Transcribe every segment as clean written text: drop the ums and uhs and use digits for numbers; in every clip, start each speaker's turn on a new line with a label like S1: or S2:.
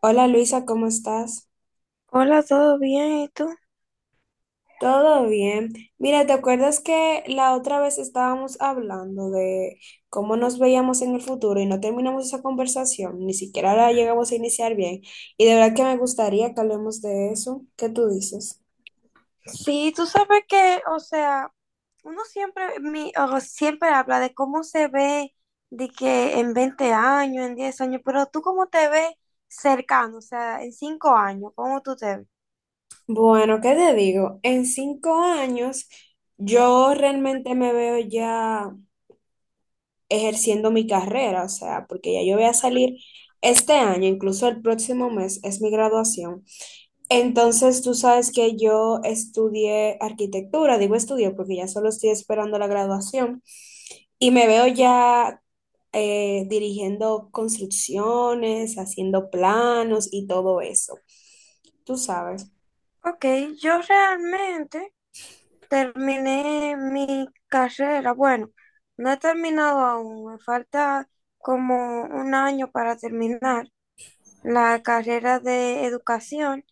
S1: Hola Luisa, ¿cómo estás?
S2: Hola, ¿todo bien? ¿Y tú?
S1: Todo bien. Mira, ¿te acuerdas que la otra vez estábamos hablando de cómo nos veíamos en el futuro y no terminamos esa conversación? Ni siquiera la llegamos a iniciar bien. Y de verdad que me gustaría que hablemos de eso. ¿Qué tú dices?
S2: Sí, tú sabes que, o sea, uno siempre, mi, o siempre habla de cómo se ve de que en 20 años, en 10 años, pero tú cómo te ves cercano, o sea, en 5 años, ¿cómo tú te ves?
S1: Bueno, ¿qué te digo? En cinco años yo realmente me veo ya ejerciendo mi carrera, o sea, porque ya yo voy a salir este año, incluso el próximo mes es mi graduación. Entonces, tú sabes que yo estudié arquitectura, digo estudié porque ya solo estoy esperando la graduación y me veo ya dirigiendo construcciones, haciendo planos y todo eso. Tú sabes.
S2: Ok, yo realmente terminé mi carrera. Bueno, no he terminado aún, me falta como un año para terminar la carrera de educación.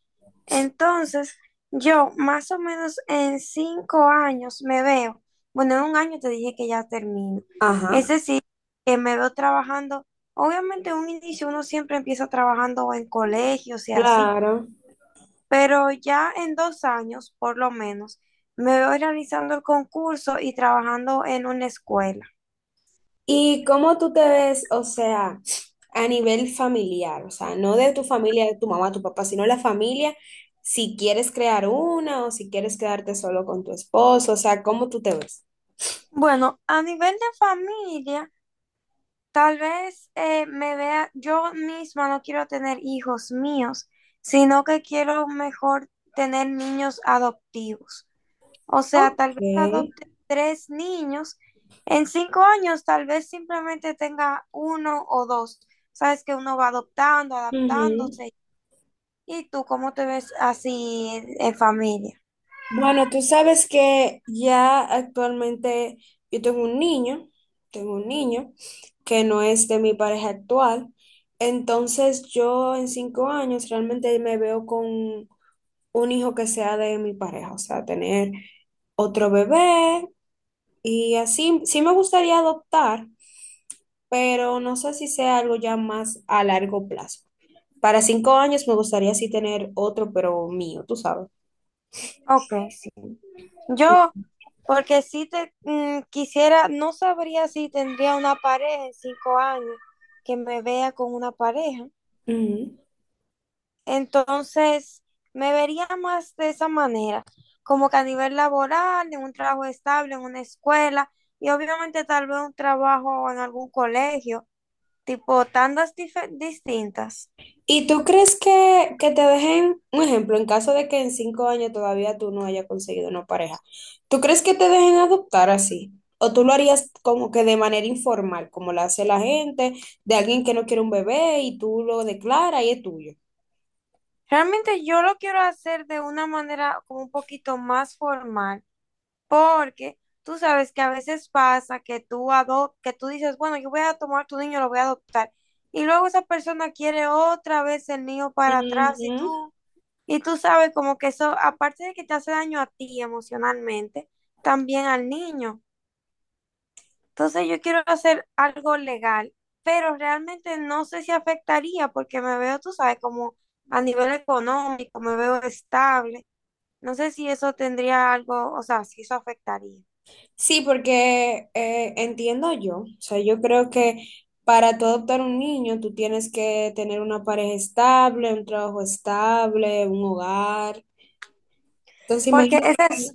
S2: Entonces, yo más o menos en 5 años me veo, bueno, en un año te dije que ya termino.
S1: Ajá.
S2: Es decir, que me veo trabajando, obviamente en un inicio uno siempre empieza trabajando en colegios y así,
S1: Claro.
S2: pero ya en 2 años, por lo menos, me veo realizando el concurso y trabajando en una escuela.
S1: ¿Y cómo tú te ves, o sea, a nivel familiar? O sea, no de tu familia, de tu mamá, tu papá, sino la familia, si quieres crear una o si quieres quedarte solo con tu esposo, o sea, ¿cómo tú te ves?
S2: Bueno, a nivel de familia. Tal vez me vea, yo misma no quiero tener hijos míos, sino que quiero mejor tener niños adoptivos. O sea,
S1: Ok.
S2: tal vez adopte tres niños. En 5 años, tal vez simplemente tenga uno o dos. Sabes que uno va adoptando,
S1: Ujú.
S2: adaptándose. ¿Y tú cómo te ves así en familia?
S1: Bueno, tú sabes que ya actualmente yo tengo un niño que no es de mi pareja actual, entonces yo en cinco años realmente me veo con un hijo que sea de mi pareja, o sea, tener otro bebé y así. Sí me gustaría adoptar, pero no sé si sea algo ya más a largo plazo. Para cinco años me gustaría sí tener otro, pero mío, tú sabes.
S2: Ok, sí. Yo porque si te quisiera, no sabría si tendría una pareja en 5 años que me vea con una pareja.
S1: Ujú.
S2: Entonces, me vería más de esa manera, como que a nivel laboral, en un trabajo estable, en una escuela y obviamente tal vez un trabajo en algún colegio, tipo tandas distintas.
S1: ¿Y tú crees que te dejen, un ejemplo, en caso de que en cinco años todavía tú no hayas conseguido una pareja, ¿tú crees que te dejen adoptar así? ¿O tú lo harías como que de manera informal, como lo hace la gente, de alguien que no quiere un bebé y tú lo declaras y es tuyo?
S2: Realmente yo lo quiero hacer de una manera como un poquito más formal, porque tú sabes que a veces pasa que tú dices, bueno, yo voy a tomar tu niño, lo voy a adoptar. Y luego esa persona quiere otra vez el niño para atrás
S1: Ujú.
S2: y tú sabes como que eso, aparte de que te hace daño a ti emocionalmente, también al niño. Entonces yo quiero hacer algo legal, pero realmente no sé si afectaría porque me veo, tú sabes, como a nivel económico, me veo estable. No sé si eso tendría algo, o sea, si eso afectaría.
S1: Sí, porque entiendo yo, o sea, yo creo que para tú adoptar un niño, tú tienes que tener una pareja estable, un trabajo estable, un hogar. Entonces,
S2: Porque ese es,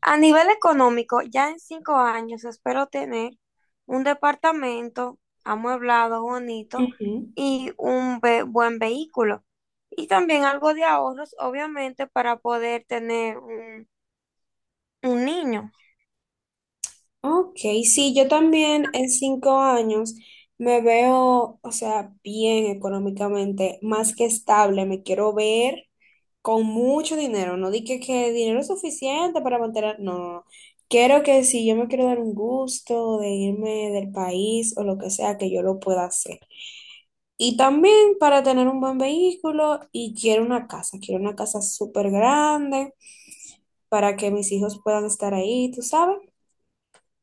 S2: a nivel económico, ya en 5 años espero tener un departamento amueblado, bonito
S1: imagínate.
S2: y un buen vehículo. Y también algo de ahorros, obviamente, para poder tener un niño.
S1: Ok, sí, yo también en cinco años me veo, o sea, bien económicamente, más que estable, me quiero ver con mucho dinero, no dije que dinero es suficiente para mantener, no, no, no. Quiero que si yo me quiero dar un gusto de irme del país o lo que sea, que yo lo pueda hacer. Y también para tener un buen vehículo y quiero una casa súper grande para que mis hijos puedan estar ahí, tú sabes.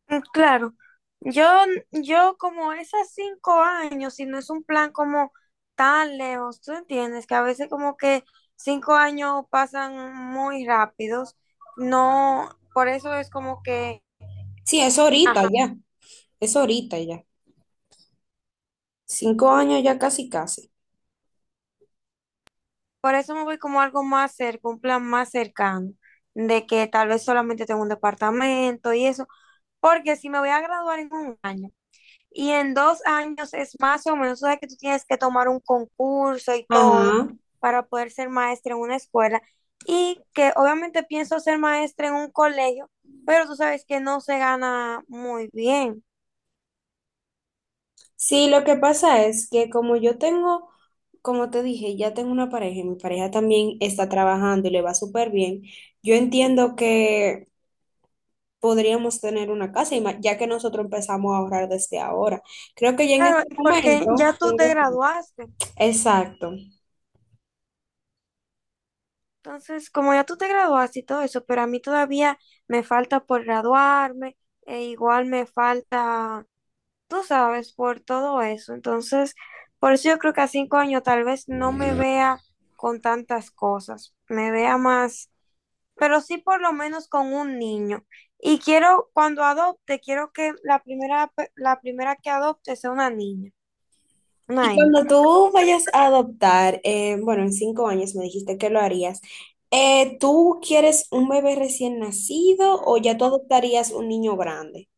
S2: Mm, claro, yo, yo como esas 5 años, si no es un plan como tan lejos, tú entiendes que a veces como que 5 años pasan muy rápidos, no, por eso es como que,
S1: Sí, es ahorita ya, es ahorita ya. Cinco años ya casi casi.
S2: por eso me voy como algo más cerca, un plan más cercano, de que tal vez solamente tengo un departamento y eso, porque si me voy a graduar en un año, y en 2 años es más o menos, o sea, que tú tienes que tomar un concurso y todo
S1: Ajá.
S2: para poder ser maestra en una escuela. Y que obviamente pienso ser maestra en un colegio, pero tú sabes que no se gana muy bien.
S1: Sí, lo que pasa es que como yo tengo, como te dije, ya tengo una pareja y mi pareja también está trabajando y le va súper bien, yo entiendo que podríamos tener una casa, y ma- ya que nosotros empezamos a ahorrar desde ahora. Creo que ya en
S2: Claro,
S1: este
S2: y porque ya
S1: momento,
S2: tú te graduaste.
S1: exacto.
S2: Entonces, como ya tú te graduaste y todo eso, pero a mí todavía me falta por graduarme, e igual me falta, tú sabes, por todo eso. Entonces, por eso yo creo que a 5 años tal vez no me vea con tantas cosas, me vea más, pero sí por lo menos con un niño. Y quiero, cuando adopte, quiero que la primera que adopte sea una niña,
S1: Y
S2: una
S1: cuando
S2: hembra.
S1: tú vayas a adoptar, bueno, en cinco años me dijiste que lo harías, ¿tú quieres un bebé recién nacido o ya tú adoptarías un niño grande?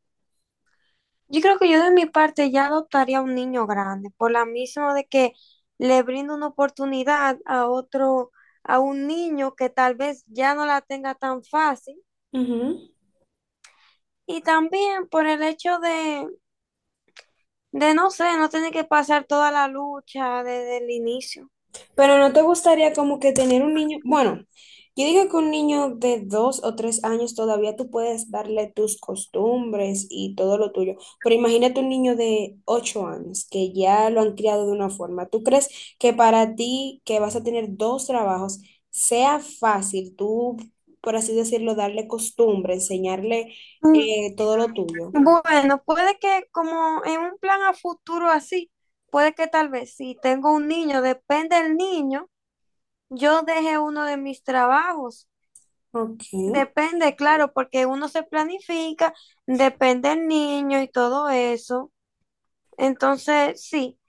S2: Yo creo que yo de mi parte ya adoptaría un niño grande, por la misma de que le brindo una oportunidad a otro, a un niño que tal vez ya no la tenga tan fácil.
S1: Ujú.
S2: Y también por el hecho de no sé, no tener que pasar toda la lucha desde el inicio.
S1: Pero no te gustaría como que tener un niño, bueno, yo digo que un niño de 2 o 3 años todavía tú puedes darle tus costumbres y todo lo tuyo, pero imagínate un niño de 8 años que ya lo han criado de una forma. ¿Tú crees que para ti que vas a tener dos trabajos sea fácil tú, por así decirlo, darle costumbre, enseñarle
S2: Mm,
S1: todo lo tuyo?
S2: bueno, puede que como en un plan a futuro así, puede que tal vez si tengo un niño, depende del niño, yo deje uno de mis trabajos.
S1: Ok,
S2: Depende, claro, porque uno se planifica, depende del niño y todo eso. Entonces, sí.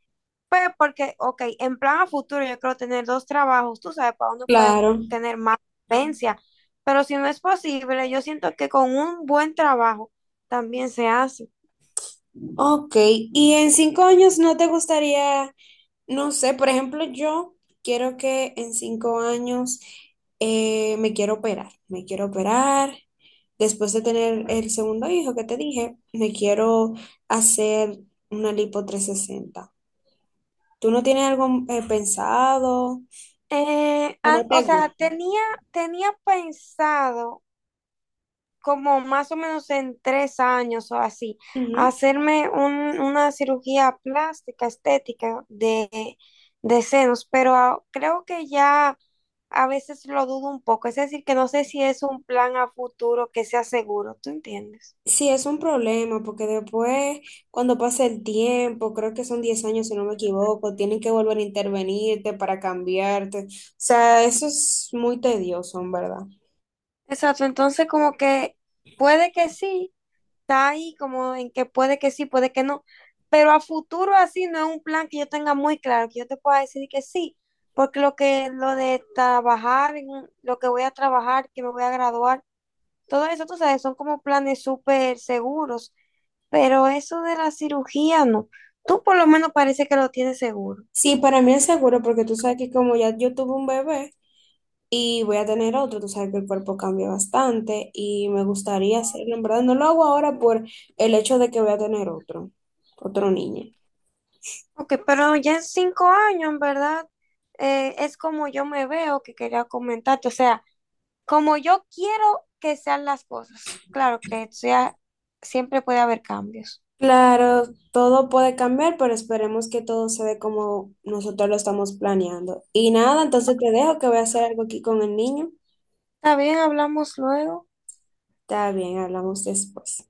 S2: Pues porque, ok, en plan a futuro yo creo tener dos trabajos, tú sabes, para uno puede
S1: claro.
S2: tener más solvencia, pero si no es posible, yo siento que con un buen trabajo también se hace.
S1: Ok, y en cinco años no te gustaría. No sé, por ejemplo, yo quiero que en cinco años me quiero operar, me quiero operar. Después de tener el segundo hijo que te dije, me quiero hacer una lipo 360. ¿Tú no tienes algo pensado o no
S2: O
S1: te
S2: sea,
S1: gusta?
S2: tenía pensado como más o menos en 3 años o así,
S1: Ujú.
S2: hacerme una cirugía plástica, estética de senos, pero creo que ya a veces lo dudo un poco, es decir, que no sé si es un plan a futuro que sea seguro, ¿tú entiendes?
S1: Sí, es un problema porque después, cuando pase el tiempo, creo que son 10 años si no me equivoco, tienen que volver a intervenirte para cambiarte. O sea, eso es muy tedioso, en verdad.
S2: Exacto, entonces como que puede que sí, está ahí como en que puede que sí, puede que no, pero a futuro así no es un plan que yo tenga muy claro, que yo te pueda decir que sí, porque lo que lo de trabajar, lo que voy a trabajar, que me voy a graduar, todo eso, tú sabes, son como planes súper seguros, pero eso de la cirugía no. Tú por lo menos parece que lo tienes seguro.
S1: Sí, para mí es seguro porque tú sabes que como ya yo tuve un bebé y voy a tener otro, tú sabes que el cuerpo cambia bastante y me gustaría hacerlo. En verdad, no lo hago ahora por el hecho de que voy a tener otro, otro niño.
S2: Ok, pero ya en 5 años, en verdad, es como yo me veo que quería comentarte. O sea, como yo quiero que sean las cosas. Claro que sea, siempre puede haber cambios.
S1: Claro, todo puede cambiar, pero esperemos que todo se dé como nosotros lo estamos planeando. Y nada, entonces te dejo que voy a hacer algo aquí con el niño.
S2: Está bien, hablamos luego.
S1: Está bien, hablamos después.